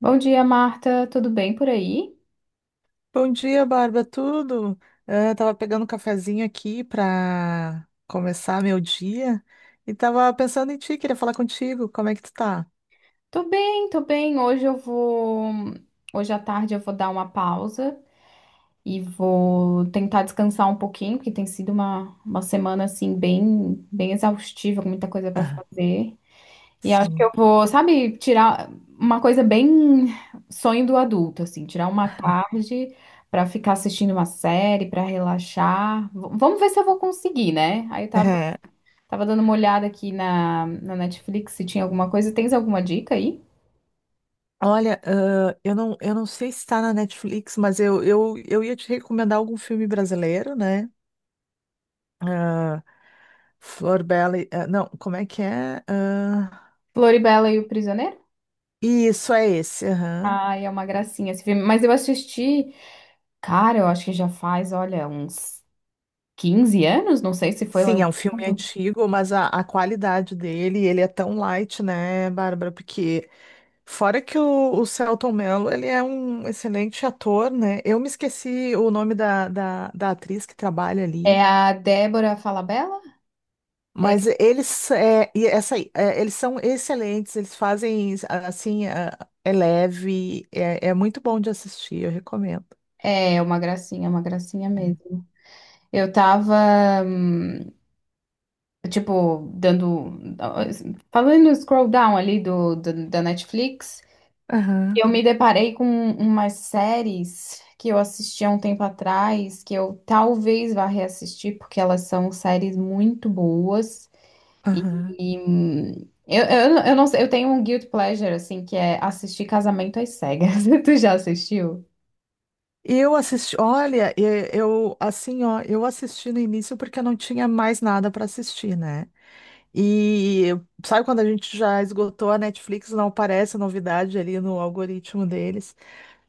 Bom dia, Marta. Tudo bem por aí? Bom dia, Bárbara. Tudo? Ah, tava pegando um cafezinho aqui para começar meu dia e tava pensando em ti, queria falar contigo. Como é que tu tá? Tô bem, tô bem. Hoje eu vou. Hoje à tarde eu vou dar uma pausa e vou tentar descansar um pouquinho, porque tem sido uma semana assim bem, bem exaustiva, com muita coisa pra Ah, fazer. E acho que sim. eu vou, sabe, tirar uma coisa bem sonho do adulto, assim, tirar uma tarde pra ficar assistindo uma série, pra relaxar. Vamos ver se eu vou conseguir, né? Aí eu tava É. Tava dando uma olhada aqui na Netflix se tinha alguma coisa. Tens alguma dica aí? Olha, eu não sei se está na Netflix, mas eu ia te recomendar algum filme brasileiro, né? Ah, Flor Bela. Não, como é que é? Ah, Floribela e o Prisioneiro? isso, é esse. Aham. Ai, é uma gracinha esse filme. Mas eu assisti, cara, eu acho que já faz, olha, uns 15 anos, não sei se foi Sim, é lançado. um filme antigo, mas a qualidade dele, ele é tão light, né, Bárbara? Porque fora que o Selton Mello, ele é um excelente ator, né? Eu me esqueci o nome da atriz que trabalha É ali. a Débora Falabella? É, Mas eles, é, e essa, aí, é, eles são excelentes, eles fazem assim, é, é leve, é, é muito bom de assistir, eu recomendo. é uma gracinha mesmo. Eu tava, hum, tipo, dando. Falando no scroll down ali da Netflix. Aham, Eu me deparei com umas séries que eu assisti há um tempo atrás, que eu talvez vá reassistir, porque elas são séries muito boas. aham. E eu não sei, eu tenho um guilt pleasure, assim, que é assistir Casamento às Cegas. Tu já assistiu? Eu assisti, olha, eu assim, ó, eu assisti no início porque eu não tinha mais nada para assistir, né? E sabe quando a gente já esgotou a Netflix, não aparece novidade ali no algoritmo deles.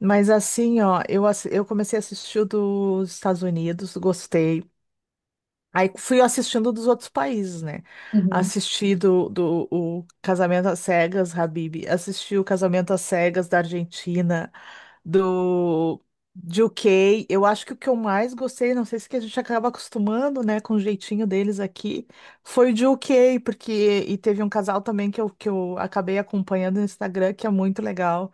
Mas assim, ó, eu, eu comecei a assistir o dos Estados Unidos, gostei. Aí fui assistindo dos outros países, né? Uhum. Assisti do o Casamento às Cegas, Habib. Assisti o Casamento às Cegas da Argentina, do de UK. Eu acho que o que eu mais gostei, não sei se que a gente acaba acostumando, né, com o jeitinho deles aqui, foi o de UK, porque e teve um casal também que eu acabei acompanhando no Instagram, que é muito legal,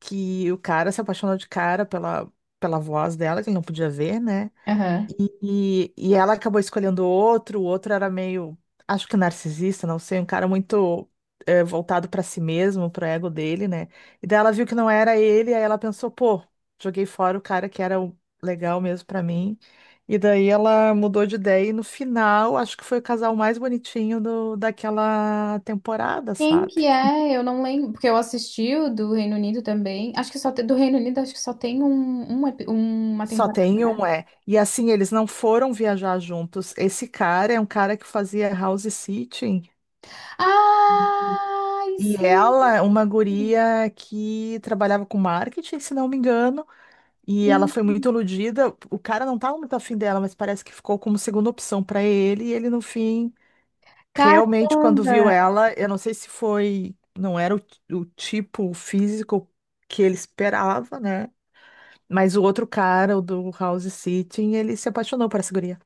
que o cara se apaixonou de cara pela voz dela, que ele não podia ver, né? Aham. E ela acabou escolhendo outro, o outro era meio, acho que narcisista, não sei, um cara muito voltado para si mesmo, pro ego dele, né? E daí ela viu que não era ele, aí ela pensou, pô, joguei fora o cara que era o legal mesmo para mim. E daí ela mudou de ideia e no final, acho que foi o casal mais bonitinho do, daquela temporada, Quem sabe? que é? Eu não lembro, porque eu assisti o do Reino Unido também. Acho que só tem, do Reino Unido, acho que só tem uma Só temporada, tem né? um, é. E assim, eles não foram viajar juntos. Esse cara é um cara que fazia house sitting. Ai, E sim, ela, é uma guria que trabalhava com marketing, se não me engano, e ela foi sim. muito iludida. O cara não estava muito afim dela, mas parece que ficou como segunda opção para ele. E ele, no fim, realmente, quando viu Caramba! ela, eu não sei se foi, não era o tipo físico que ele esperava, né? Mas o outro cara, o do House Sitting, ele se apaixonou por essa guria.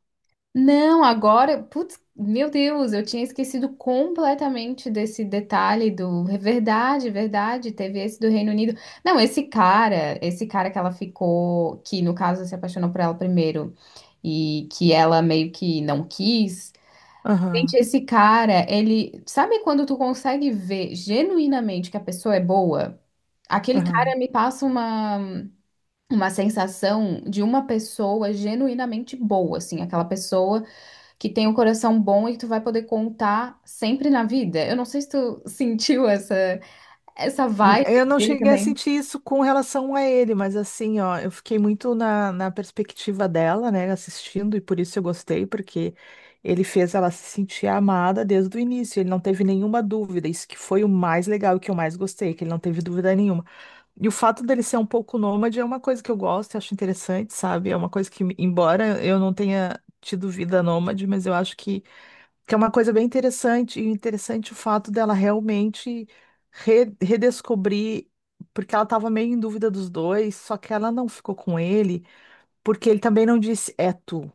Não, agora, putz, meu Deus, eu tinha esquecido completamente desse detalhe do, é verdade, teve esse do Reino Unido. Não, esse cara que ela ficou, que no caso se apaixonou por ela primeiro e que ela meio que não quis. Gente, Aham, esse cara, ele, sabe quando tu consegue ver genuinamente que a pessoa é boa? Aquele aham. cara me passa uma sensação de uma pessoa genuinamente boa, assim, aquela pessoa que tem um coração bom e que tu vai poder contar sempre na vida. Eu não sei se tu sentiu essa N- vibe Eu não dele cheguei a também. sentir isso com relação a ele, mas assim, ó, eu fiquei muito na perspectiva dela, né, assistindo, e por isso eu gostei, porque ele fez ela se sentir amada desde o início, ele não teve nenhuma dúvida, isso que foi o mais legal e que eu mais gostei, que ele não teve dúvida nenhuma. E o fato dele ser um pouco nômade é uma coisa que eu gosto, eu acho interessante, sabe? É uma coisa que, embora eu não tenha tido vida nômade, mas eu acho que é uma coisa bem interessante, e interessante o fato dela realmente redescobrir, porque ela estava meio em dúvida dos dois, só que ela não ficou com ele, porque ele também não disse é tu,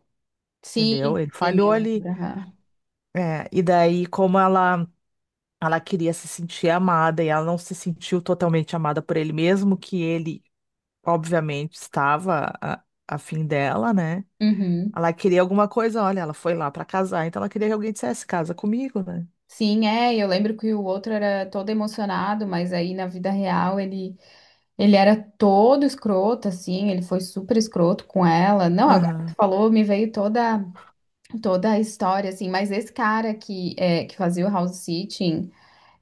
Sim, entendeu? Ele sim, falhou eu ali. lembro. Aham. É, e daí, como ela queria se sentir amada e ela não se sentiu totalmente amada por ele, mesmo que ele, obviamente, estava a fim dela, né? Uhum. Ela queria alguma coisa, olha, ela foi lá para casar, então ela queria que alguém dissesse casa comigo, né? Sim, é, eu lembro que o outro era todo emocionado, mas aí na vida real ele era todo escroto, assim, ele foi super escroto com ela. Não, agora que tu Aham. falou, me veio toda a história, assim, mas esse cara que fazia o house sitting.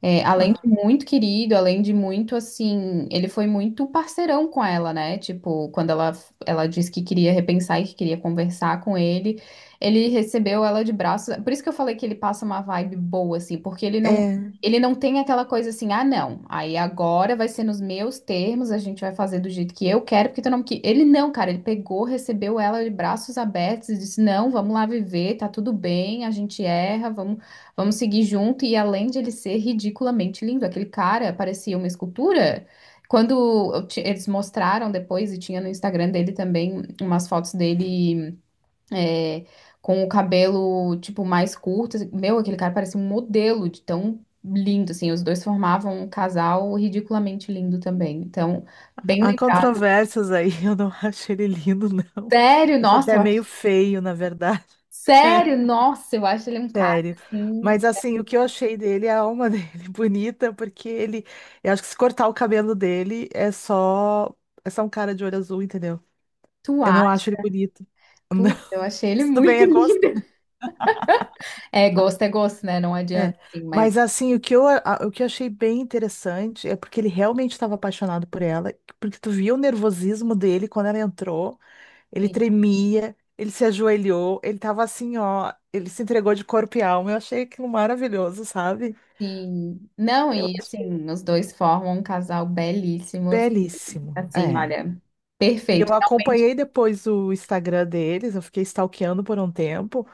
É, além de muito querido, além de muito assim, ele foi muito parceirão com ela, né? Tipo, quando ela disse que queria repensar e que queria conversar com ele, ele recebeu ela de braços. Por isso que eu falei que ele passa uma vibe boa, assim, porque ele não, É, ele não tem aquela coisa assim, ah, não, aí agora vai ser nos meus termos, a gente vai fazer do jeito que eu quero, porque tu não que ele não, cara, ele pegou, recebeu ela de braços abertos e disse, não, vamos lá viver, tá tudo bem, a gente erra, vamos. Vamos seguir junto. E além de ele ser ridiculamente lindo, aquele cara parecia uma escultura. Quando eles mostraram depois, e tinha no Instagram dele também umas fotos dele é, com o cabelo, tipo, mais curto, assim, meu, aquele cara parecia um modelo de tão lindo, assim. Os dois formavam um casal ridiculamente lindo também. Então, bem há lembrado. controvérsias aí, eu não acho ele lindo, não. Sério, Acho nossa, até eu meio acho, feio, na verdade. É, sério, nossa, eu acho ele um cara, sério. assim, Mas assim, o que eu achei dele é a alma dele bonita, porque ele. Eu acho que se cortar o cabelo dele é só. É só um cara de olho azul, entendeu? tu Eu não acha? acho ele bonito. Putz, eu achei ele Mas tudo muito bem, é gosto. lindo. É gosto, né? Não adianta, É. assim, mas Mas assim, o que eu achei bem interessante é porque ele realmente estava apaixonado por ela, porque tu viu o nervosismo dele quando ela entrou. Ele sim, tremia, ele se ajoelhou, ele tava assim, ó, ele se entregou de corpo e alma. Eu achei aquilo maravilhoso, sabe? sim. Não, Eu e achei assim, os dois formam um casal belíssimo, belíssimo. assim, É. olha, E perfeito. eu acompanhei depois o Instagram deles, eu fiquei stalkeando por um tempo.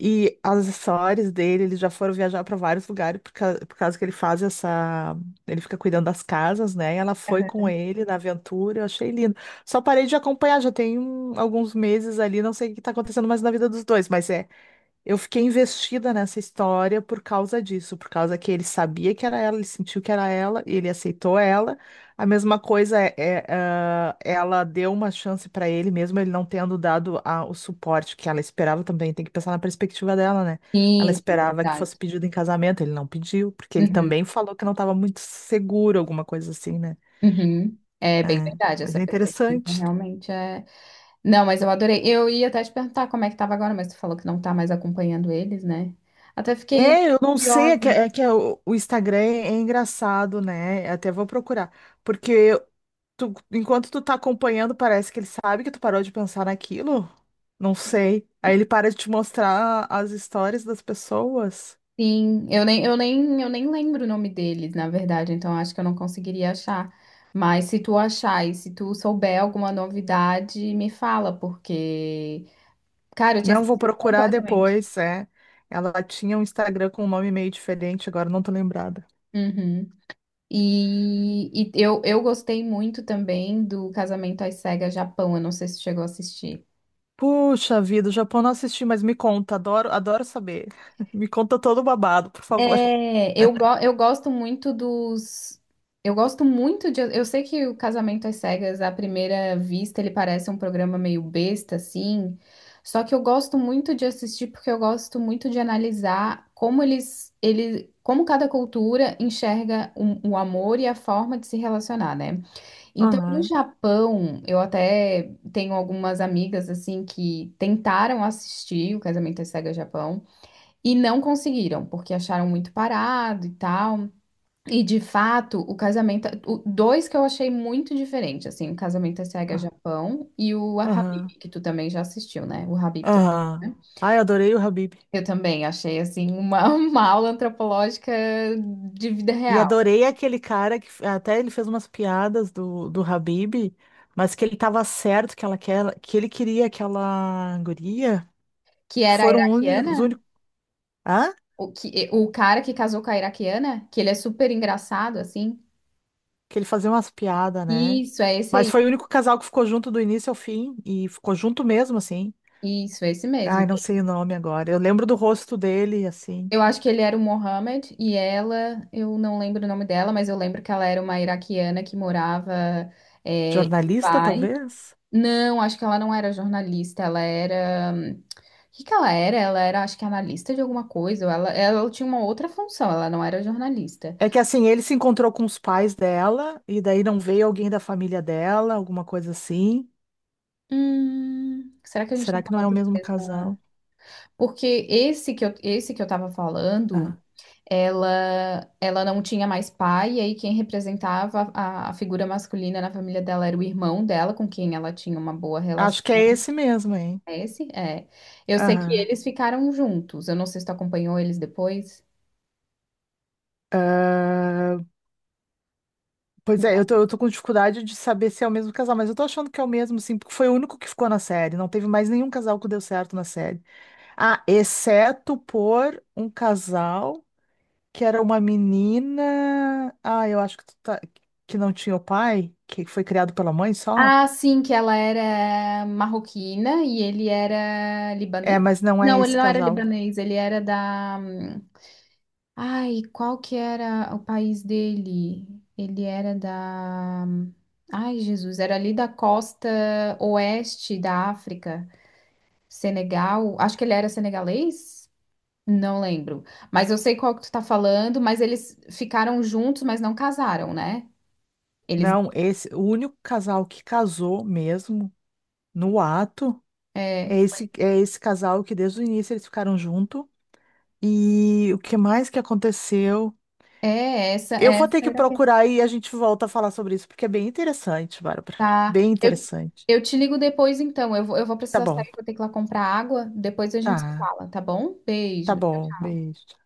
E as histórias dele, eles já foram viajar para vários lugares por causa que ele faz essa. Ele fica cuidando das casas, né? E ela foi com ele na aventura, eu achei lindo. Só parei de acompanhar, já tem alguns meses ali, não sei o que tá acontecendo mais na vida dos dois, mas é. Eu fiquei investida nessa história por causa disso, por causa que ele sabia que era ela, ele sentiu que era ela, ele aceitou ela. A mesma coisa ela deu uma chance para ele, mesmo ele não tendo dado o suporte que ela esperava também. Tem que pensar na perspectiva dela, né? Ela Sim, sim, esperava que verdade. fosse pedido em casamento, ele não pediu, porque ele Uhum, também falou que não estava muito seguro, alguma coisa assim, né? uhum. É bem É, verdade mas essa é perspectiva, interessante. realmente é. Não, mas eu adorei. Eu ia até te perguntar como é que tava agora, mas tu falou que não tá mais acompanhando eles, né? Até fiquei É, eu não sei, curiosa. é que o Instagram é engraçado, né? Até vou procurar. Porque tu, enquanto tu tá acompanhando, parece que ele sabe que tu parou de pensar naquilo? Não sei. Aí ele para de te mostrar as histórias das pessoas. Sim, eu nem lembro o nome deles, na verdade, então acho que eu não conseguiria achar. Mas se tu achar e se tu souber alguma novidade, me fala, porque, cara, eu tinha Não, vou esquecido procurar completamente. depois, é. Ela tinha um Instagram com um nome meio diferente, agora não tô lembrada. Uhum. E eu gostei muito também do Casamento às Cegas Japão, eu não sei se tu chegou a assistir. Puxa vida, o Japão não assisti, mas me conta, adoro, adoro saber. Me conta todo o babado, por favor. É, eu gosto muito dos. Eu gosto muito de. Eu sei que o Casamento às Cegas, à primeira vista, ele parece um programa meio besta, assim. Só que eu gosto muito de assistir porque eu gosto muito de analisar como cada cultura enxerga o amor e a forma de se relacionar, né? Então, no Aham. Japão, eu até tenho algumas amigas assim que tentaram assistir o Casamento às Cegas Japão. E não conseguiram, porque acharam muito parado e tal. E de fato, dois que eu achei muito diferente, assim, o Casamento às Cegas Ah, Japão e o Habib, aham, que tu também já assistiu, né? O Habib, tu aham. assistiu, né? Ai, adorei o Habib. Eu também achei, assim, uma, uma aula antropológica de vida E real. adorei aquele cara que até ele fez umas piadas do Habib, mas que ele queria aquela guria, Que que era a foram iraquiana, únicos, únicos, hã? O cara que casou com a iraquiana, que ele é super engraçado, assim. Que ele fazia umas piadas, né? Isso, é esse Mas aí. foi o único casal que ficou junto do início ao fim e ficou junto mesmo assim. Isso, é esse mesmo. Ai, não sei o nome agora. Eu lembro do rosto dele assim, Eu acho que ele era o Mohammed e ela, eu não lembro o nome dela, mas eu lembro que ela era uma iraquiana que morava em jornalista Dubai. talvez. Não, acho que ela não era jornalista, ela era. O que que ela era? Ela era, acho que analista de alguma coisa, ou ela tinha uma outra função, ela não era jornalista. É que assim, ele se encontrou com os pais dela e daí não veio alguém da família dela, alguma coisa assim. Será que a gente tá Será que não é falando o da mesmo mesma? casal? Porque esse que eu tava falando. Aham. Ela não tinha mais pai, e aí quem representava a figura masculina na família dela era o irmão dela, com quem ela tinha uma boa Acho que relação. é esse mesmo, hein? É esse, é. Eu sei que Aham. eles ficaram juntos. Eu não sei se tu acompanhou eles depois. Ah, pois é, eu tô com dificuldade de saber se é o mesmo casal, mas eu tô achando que é o mesmo, sim, porque foi o único que ficou na série. Não teve mais nenhum casal que deu certo na série. Ah, exceto por um casal que era uma menina. Ah, eu acho que tu tá- Que não tinha o pai, que foi criado pela mãe só. Ah, sim, que ela era marroquina e ele era É, libanês? mas não é Não, ele esse não era casal. libanês, ele era da. Ai, qual que era o país dele? Ele era da. Ai, Jesus, era ali da costa oeste da África, Senegal. Acho que ele era senegalês? Não lembro. Mas eu sei qual que tu tá falando, mas eles ficaram juntos, mas não casaram, né? Eles. Não, esse, o único casal que casou mesmo no ato. É, É esse casal que desde o início eles ficaram junto. E o que mais que aconteceu? é essa, Eu vou essa ter que era a questão. procurar e a gente volta a falar sobre isso, porque é bem interessante, Bárbara. Tá. Bem Eu, interessante. eu te ligo depois, então. Eu vou Tá precisar bom. sair, vou ter que ir lá comprar água. Depois a gente se Tá. fala, tá bom? Tá Beijo. Tchau, bom. tchau. Beijo.